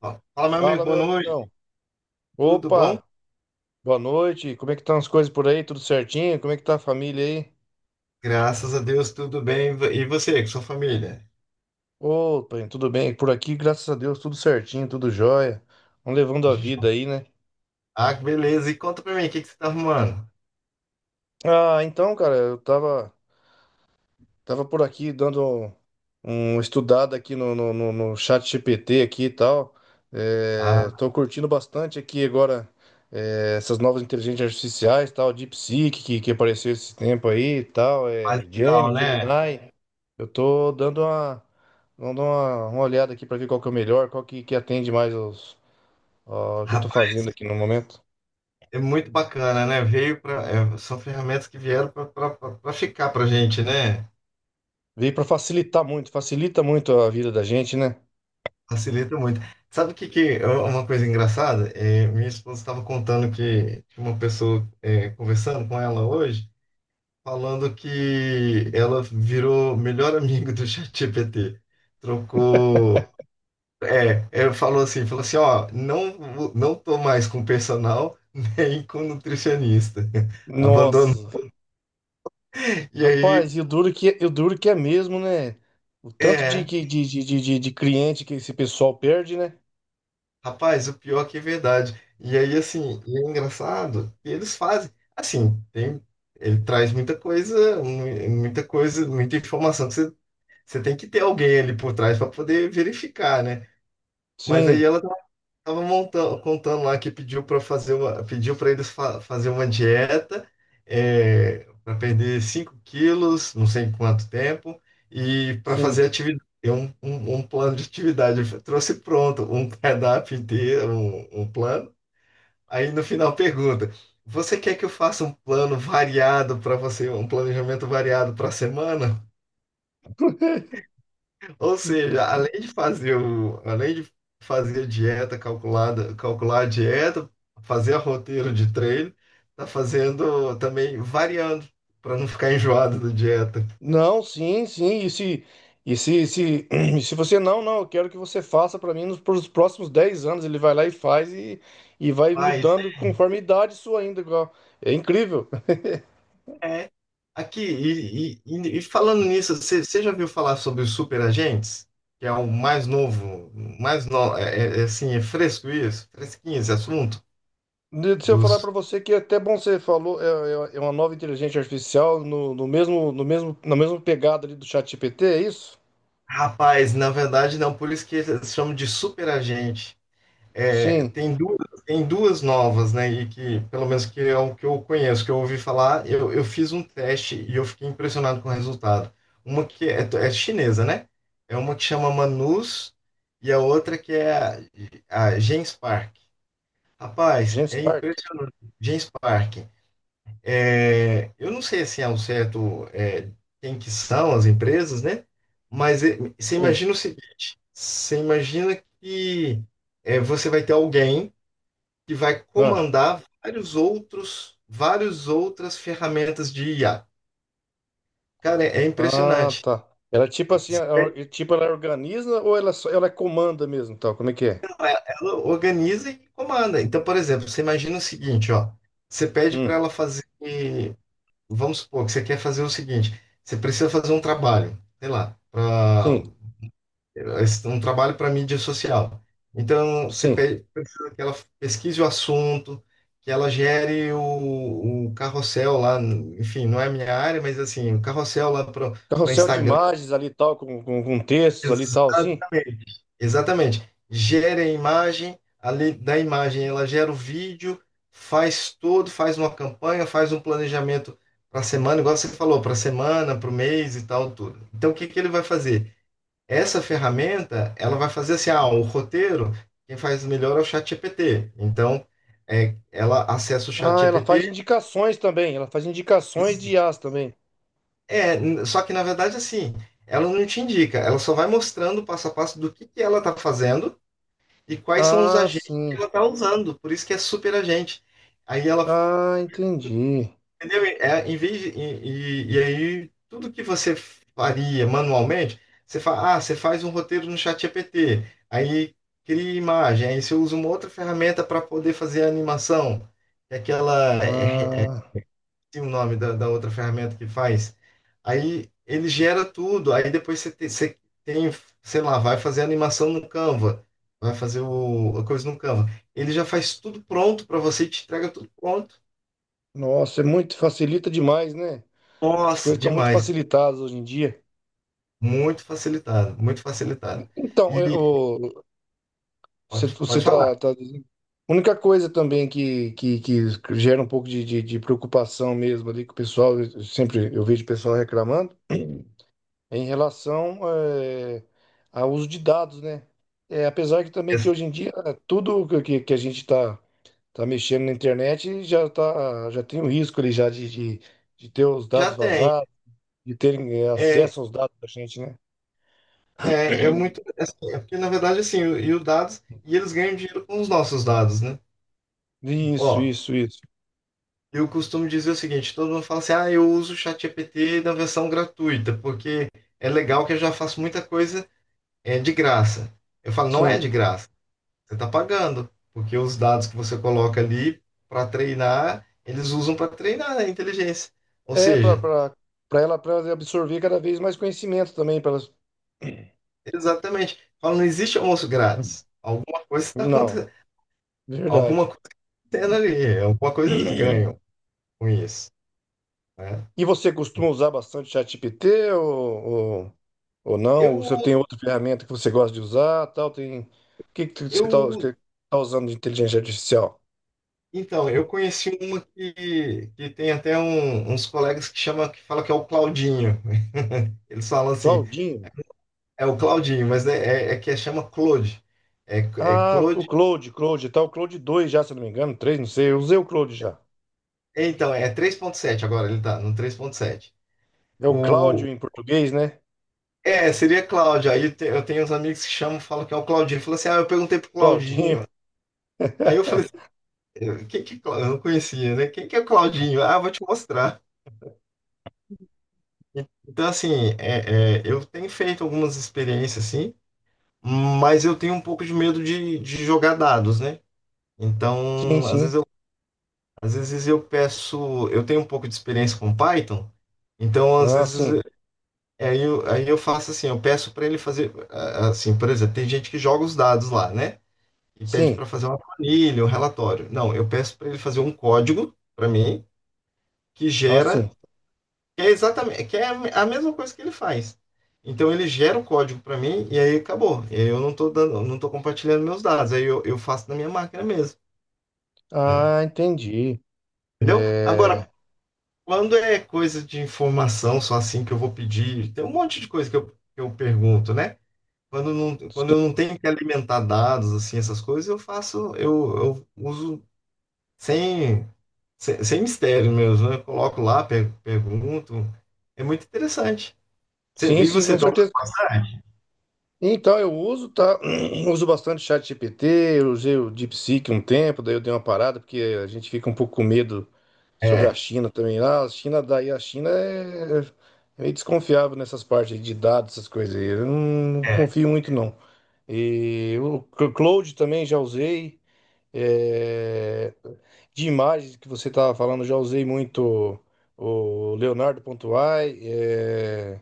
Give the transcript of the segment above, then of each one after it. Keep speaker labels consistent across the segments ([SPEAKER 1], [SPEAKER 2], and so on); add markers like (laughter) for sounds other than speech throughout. [SPEAKER 1] Ó, fala, meu amigo,
[SPEAKER 2] Fala,
[SPEAKER 1] boa
[SPEAKER 2] meu
[SPEAKER 1] noite.
[SPEAKER 2] amigão.
[SPEAKER 1] Tudo bom?
[SPEAKER 2] Opa, boa noite. Como é que estão as coisas por aí? Tudo certinho? Como é que tá a família aí?
[SPEAKER 1] Graças a Deus, tudo bem. E você, com sua família?
[SPEAKER 2] Opa, tudo bem. Por aqui, graças a Deus, tudo certinho, tudo jóia. Vamos levando a vida aí, né?
[SPEAKER 1] Ah, que beleza. E conta pra mim, o que que você tá arrumando?
[SPEAKER 2] Ah, então, cara, eu tava por aqui dando um estudado aqui no chat GPT aqui e tal. É,
[SPEAKER 1] Ah,
[SPEAKER 2] tô curtindo bastante aqui agora é, essas novas inteligências artificiais, tal, DeepSeek que apareceu esse tempo aí e tal,
[SPEAKER 1] mais
[SPEAKER 2] é,
[SPEAKER 1] legal,
[SPEAKER 2] Gemini,
[SPEAKER 1] né?
[SPEAKER 2] Gemini. Eu tô dando uma olhada aqui para ver qual que é o melhor, qual que atende mais os, ó, o que eu tô
[SPEAKER 1] Rapaz,
[SPEAKER 2] fazendo aqui no momento.
[SPEAKER 1] é muito bacana, né? São ferramentas que vieram pra ficar pra gente, né?
[SPEAKER 2] Veio para facilitar muito, facilita muito a vida da gente, né?
[SPEAKER 1] Facilita muito. Sabe o que que é uma coisa engraçada? Minha esposa estava contando que tinha uma pessoa conversando com ela hoje, falando que ela virou melhor amiga do ChatGPT. Trocou. Falou assim, falou assim, ó, não, não tô mais com personal (laughs) nem com nutricionista. (laughs)
[SPEAKER 2] Nossa,
[SPEAKER 1] Abandonou. E aí,
[SPEAKER 2] rapaz, e o duro que é mesmo, né? O tanto de,
[SPEAKER 1] é,
[SPEAKER 2] que- de cliente que esse pessoal perde, né?
[SPEAKER 1] rapaz, o pior que é verdade. E aí, assim, e é engraçado, que eles fazem, assim, tem, ele traz muita coisa, muita coisa, muita informação que você, você tem que ter alguém ali por trás para poder verificar, né? Mas aí
[SPEAKER 2] Sim,
[SPEAKER 1] ela tava montando, contando lá que pediu para fazer uma, pediu para eles fazer uma dieta, é, para perder 5 quilos, não sei em quanto tempo, e para
[SPEAKER 2] sim.
[SPEAKER 1] fazer atividade, um plano de atividade. Eu trouxe pronto um cardápio inteiro, um plano. Aí no final pergunta: você quer que eu faça um plano variado para você, um planejamento variado para a semana?
[SPEAKER 2] (laughs)
[SPEAKER 1] Ou seja, além de fazer a dieta calculada, calcular a dieta, fazer a roteiro de treino, tá fazendo também variando para não ficar enjoado da dieta.
[SPEAKER 2] Não, sim. E se (clears throat) e se você não, não, eu quero que você faça para mim nos pros próximos 10 anos. Ele vai lá e faz e vai
[SPEAKER 1] Mas
[SPEAKER 2] mudando conforme a idade sua ainda. Igual. É incrível.
[SPEAKER 1] é aqui e falando nisso, você já viu falar sobre os superagentes? Que é o mais novo, mais no, é, é- é assim, é fresco isso, fresquinho esse assunto
[SPEAKER 2] De- Se eu falar para
[SPEAKER 1] dos...
[SPEAKER 2] você que é até bom você falou, é, é- é uma nova inteligência artificial no, no mesmo, no mesmo, na mesma pegada ali do ChatGPT, é isso?
[SPEAKER 1] Rapaz, na verdade não, por isso que eles chamam de superagente. É,
[SPEAKER 2] Sim.
[SPEAKER 1] tem duas, Tem duas novas, né? E que, pelo menos que é o que eu conheço, que eu ouvi falar, eu fiz um teste e eu fiquei impressionado com o resultado. Uma que é, é chinesa, né? É uma que chama Manus e a outra que é a Genspark. Rapaz,
[SPEAKER 2] Gente
[SPEAKER 1] é
[SPEAKER 2] Stark?
[SPEAKER 1] impressionante. Genspark. É, eu não sei assim ao certo, é, quem que são as empresas, né? Mas é, você
[SPEAKER 2] Sim.
[SPEAKER 1] imagina o seguinte: você imagina que é, você vai ter alguém que vai
[SPEAKER 2] Ah,
[SPEAKER 1] comandar vários outros, várias outras ferramentas de IA. Cara, é
[SPEAKER 2] ah,
[SPEAKER 1] impressionante.
[SPEAKER 2] tá. Ela é tipo assim, tipo ela organiza ou ela só, ela é comanda mesmo, tal? Como é que é?
[SPEAKER 1] Ela organiza e comanda. Então, por exemplo, você imagina o seguinte, ó. Você pede para
[SPEAKER 2] Hum,
[SPEAKER 1] ela fazer, vamos supor que você quer fazer o seguinte, você precisa fazer um trabalho, sei lá,
[SPEAKER 2] sim,
[SPEAKER 1] é um trabalho para mídia social. Então, você
[SPEAKER 2] sim.
[SPEAKER 1] precisa que ela pesquise o assunto, que ela gere o carrossel lá, enfim, não é a minha área, mas assim, o carrossel lá para
[SPEAKER 2] Carrossel de
[SPEAKER 1] Instagram.
[SPEAKER 2] imagens ali, tal, com textos ali, tal, sim.
[SPEAKER 1] Exatamente. Exatamente. Gera a imagem, ali da imagem ela gera o vídeo, faz tudo, faz uma campanha, faz um planejamento para a semana, igual você falou, para a semana, para o mês e tal, tudo. Então, o que que ele vai fazer? Essa ferramenta, ela vai fazer assim, ah, o roteiro, quem faz melhor é o ChatGPT. Então, é, ela acessa o
[SPEAKER 2] Ah, ela faz
[SPEAKER 1] ChatGPT,
[SPEAKER 2] indicações também. Ela faz indicações de I as também.
[SPEAKER 1] só que na verdade assim, ela não te indica, ela só vai mostrando o passo a passo do que ela está fazendo e quais são os
[SPEAKER 2] Ah,
[SPEAKER 1] agentes que
[SPEAKER 2] sim.
[SPEAKER 1] ela está usando. Por isso que é super agente. Aí ela...
[SPEAKER 2] Ah, entendi.
[SPEAKER 1] Entendeu? É, em vez de- e aí, tudo que você faria manualmente, você faz um roteiro no ChatGPT, aí cria imagem, aí você usa uma outra ferramenta para poder fazer a animação, que é aquela, é, é,
[SPEAKER 2] Ah,
[SPEAKER 1] tem o nome da outra ferramenta que faz. Aí ele gera tudo, aí depois você tem, sei lá, vai fazer a animação no Canva, vai fazer a coisa no Canva. Ele já faz tudo pronto para você e te entrega tudo pronto.
[SPEAKER 2] nossa, é muito facilita demais, né? As
[SPEAKER 1] Nossa,
[SPEAKER 2] coisas estão muito
[SPEAKER 1] demais.
[SPEAKER 2] facilitadas hoje em dia.
[SPEAKER 1] Muito facilitado, muito facilitado.
[SPEAKER 2] Então,
[SPEAKER 1] E
[SPEAKER 2] eu, você, você
[SPEAKER 1] pode
[SPEAKER 2] tá,
[SPEAKER 1] falar.
[SPEAKER 2] tá dizendo. A única coisa também que gera um pouco de preocupação mesmo ali que o pessoal, eu sempre eu vejo o pessoal reclamando, é em relação eh, ao uso de dados, né? É, apesar que também que
[SPEAKER 1] Essa...
[SPEAKER 2] hoje em dia eh, tudo que a gente está tá tá mexendo na internet já, tá, já tem o risco ali já de ter os dados
[SPEAKER 1] Já tem.
[SPEAKER 2] vazados, de terem eh,
[SPEAKER 1] É,
[SPEAKER 2] acesso aos dados da gente, né?
[SPEAKER 1] é muito. É, assim, é porque, na verdade, assim, e os dados, e eles ganham dinheiro com os nossos dados, né?
[SPEAKER 2] Isso,
[SPEAKER 1] Ó,
[SPEAKER 2] isso, isso.
[SPEAKER 1] eu costumo dizer o seguinte: todo mundo fala assim, ah, eu uso o ChatGPT na versão gratuita, porque é legal que eu já faço muita coisa, é, de graça. Eu falo, não é
[SPEAKER 2] Sim.
[SPEAKER 1] de graça, você está pagando, porque os dados que você coloca ali para treinar, eles usam para treinar, né, a inteligência. Ou
[SPEAKER 2] É, para
[SPEAKER 1] seja...
[SPEAKER 2] para ela absorver cada vez mais conhecimento também. Pra elas...
[SPEAKER 1] Exatamente. Fala, não existe almoço grátis.
[SPEAKER 2] (clears throat)
[SPEAKER 1] Alguma coisa está
[SPEAKER 2] Não,
[SPEAKER 1] acontecendo. Alguma
[SPEAKER 2] verdade.
[SPEAKER 1] coisa tendo ali. Alguma coisa eles ganham com isso, né?
[SPEAKER 2] E você costuma usar bastante ChatGPT ou não? Ou você
[SPEAKER 1] Eu,
[SPEAKER 2] tem outra ferramenta que você gosta de usar, tal? Tem... O que, que você
[SPEAKER 1] eu,
[SPEAKER 2] está usando de inteligência artificial?
[SPEAKER 1] então, eu conheci uma que tem até uns colegas que chama, que fala que é o Claudinho. Eles falam assim,
[SPEAKER 2] Claudinho?
[SPEAKER 1] é o Claudinho, mas chama Claude. É, é
[SPEAKER 2] Ah, o
[SPEAKER 1] Claude.
[SPEAKER 2] Claude, tá, o Claude dois já, se eu não me engano, 3 não sei, eu usei o Claude já.
[SPEAKER 1] Então, é três ponto sete agora, ele tá no três ponto sete.
[SPEAKER 2] É o
[SPEAKER 1] O,
[SPEAKER 2] Cláudio em português, né?
[SPEAKER 1] é, seria Cláudio. Eu tenho uns amigos que chamam, falam que é o Claudinho. Fala assim, ah, eu perguntei pro
[SPEAKER 2] Claudinho.
[SPEAKER 1] Claudinho. Aí eu falei assim,
[SPEAKER 2] (laughs)
[SPEAKER 1] quem que, eu não conhecia, né? Quem que é o Claudinho? Ah, vou te mostrar. Então, assim, eu tenho feito algumas experiências, assim, mas eu tenho um pouco de medo de jogar dados, né?
[SPEAKER 2] Sim,
[SPEAKER 1] Então,
[SPEAKER 2] sim.
[SPEAKER 1] às vezes eu peço, eu tenho um pouco de experiência com Python, então, às
[SPEAKER 2] Ah, sim.
[SPEAKER 1] vezes, aí eu faço assim, eu peço para ele fazer, ah, assim, por exemplo, tem gente que joga os dados lá, né? E pede
[SPEAKER 2] Sim.
[SPEAKER 1] para fazer uma planilha, um relatório. Não, eu peço para ele fazer um código para mim, que
[SPEAKER 2] Ah, sim.
[SPEAKER 1] gera... É exatamente, que é a mesma coisa que ele faz. Então ele gera o código para mim e aí acabou. E aí eu não estou dando, não tô compartilhando meus dados. Eu faço na minha máquina mesmo, né?
[SPEAKER 2] Ah, entendi.
[SPEAKER 1] Entendeu? Agora,
[SPEAKER 2] É,
[SPEAKER 1] quando é coisa de informação só assim que eu vou pedir, tem um monte de coisa que eu pergunto, né? Quando, não, quando eu não tenho que alimentar dados, assim, essas coisas, eu uso sem, sem mistério mesmo, né? Eu coloco lá, pergunto. É muito interessante.
[SPEAKER 2] Sim,
[SPEAKER 1] E
[SPEAKER 2] sim,
[SPEAKER 1] você
[SPEAKER 2] com
[SPEAKER 1] está
[SPEAKER 2] certeza.
[SPEAKER 1] usando?
[SPEAKER 2] Então, eu uso, tá? (clears throat) Uso bastante o ChatGPT, eu usei o DeepSeek um tempo, daí eu dei uma parada, porque a gente fica um pouco com medo sobre a
[SPEAKER 1] É,
[SPEAKER 2] China também. Ah, a China, daí a China é, é meio desconfiável nessas partes aí de dados, essas coisas aí. Eu não, não
[SPEAKER 1] é.
[SPEAKER 2] confio muito, não. E o Cloud também já usei. É, de imagens que você estava falando, já usei muito o Leonardo.ai, é,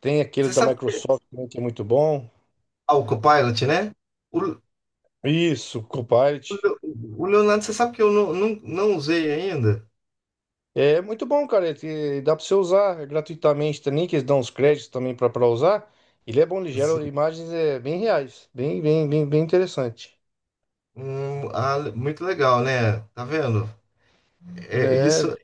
[SPEAKER 2] tem aquele
[SPEAKER 1] Você
[SPEAKER 2] da
[SPEAKER 1] sabe,
[SPEAKER 2] Microsoft também que é muito bom.
[SPEAKER 1] ah, o Copilot, né? O, o
[SPEAKER 2] Isso, Copilot.
[SPEAKER 1] Le- o Leonardo, você sabe que eu não usei ainda?
[SPEAKER 2] É muito bom, cara. E dá para você usar gratuitamente também, que eles dão os créditos também para usar. Ele é bom, ele gera
[SPEAKER 1] Assim,
[SPEAKER 2] imagens é, bem reais, bem, bem, bem interessante.
[SPEAKER 1] ah, muito legal, né? Tá vendo? É,
[SPEAKER 2] É,
[SPEAKER 1] isso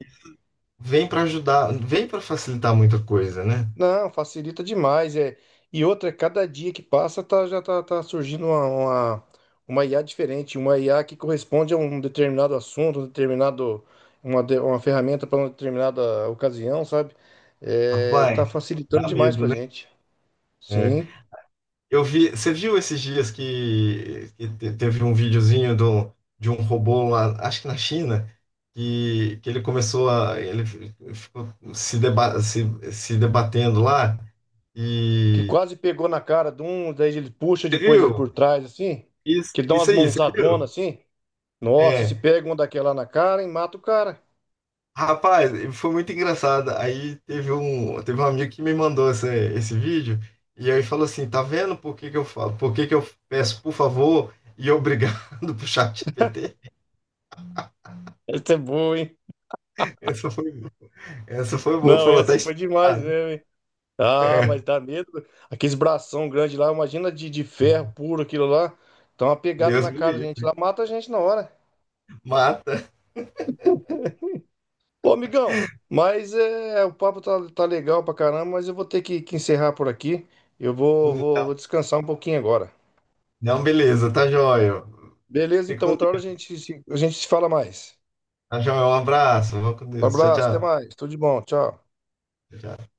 [SPEAKER 1] vem para ajudar, vem para facilitar muita coisa, né?
[SPEAKER 2] não, facilita demais, é. E outra, cada dia que passa tá, já tá, tá surgindo uma IA diferente, uma IA que corresponde a um determinado assunto, um determinado, uma, de- uma ferramenta para uma determinada ocasião, sabe? É, tá
[SPEAKER 1] Rapaz,
[SPEAKER 2] facilitando
[SPEAKER 1] dá
[SPEAKER 2] demais
[SPEAKER 1] medo,
[SPEAKER 2] pra
[SPEAKER 1] né?
[SPEAKER 2] gente.
[SPEAKER 1] É.
[SPEAKER 2] Sim.
[SPEAKER 1] Eu vi, você viu esses dias que teve um videozinho do, de um robô lá, acho que na China, que ele começou a, ele ficou se, deba, se, se debatendo lá
[SPEAKER 2] Que
[SPEAKER 1] e...
[SPEAKER 2] quase pegou na cara de um, daí ele puxa,
[SPEAKER 1] você
[SPEAKER 2] depois ele
[SPEAKER 1] viu?
[SPEAKER 2] por trás, assim.
[SPEAKER 1] Isso,
[SPEAKER 2] Que ele dá umas
[SPEAKER 1] isso aí, você viu?
[SPEAKER 2] mãozadonas assim. Nossa, e se
[SPEAKER 1] É,
[SPEAKER 2] pega uma daquela na cara e mata o cara.
[SPEAKER 1] rapaz, foi muito engraçado. Aí teve um amigo que me mandou esse, esse vídeo e aí falou assim, tá vendo por que que eu falo, por que que eu peço por favor e obrigado (laughs) pro chat ChatGPT?
[SPEAKER 2] (laughs) Essa é boa, hein?
[SPEAKER 1] Essa foi... Essa foi boa,
[SPEAKER 2] Não,
[SPEAKER 1] falou, tá
[SPEAKER 2] essa foi demais,
[SPEAKER 1] explicado.
[SPEAKER 2] né? Ah,
[SPEAKER 1] É.
[SPEAKER 2] mas dá medo. Aqueles bração grande lá, imagina de ferro puro aquilo lá. Então uma pegada
[SPEAKER 1] Deus
[SPEAKER 2] na
[SPEAKER 1] me
[SPEAKER 2] cara da gente
[SPEAKER 1] livre.
[SPEAKER 2] lá, mata a gente na hora.
[SPEAKER 1] Mata.
[SPEAKER 2] Ô, amigão, mas é, o papo tá, tá legal pra caramba, mas eu vou ter que encerrar por aqui. Eu vou descansar um pouquinho agora.
[SPEAKER 1] Não, beleza, tá jóia.
[SPEAKER 2] Beleza,
[SPEAKER 1] Fica
[SPEAKER 2] então
[SPEAKER 1] com
[SPEAKER 2] outra hora
[SPEAKER 1] Deus.
[SPEAKER 2] a gente se fala mais.
[SPEAKER 1] Tá jóia, um abraço. Vou com
[SPEAKER 2] Um
[SPEAKER 1] Deus. Tchau,
[SPEAKER 2] abraço, até
[SPEAKER 1] tchau.
[SPEAKER 2] mais. Tudo de bom, tchau.
[SPEAKER 1] Tchau, tchau.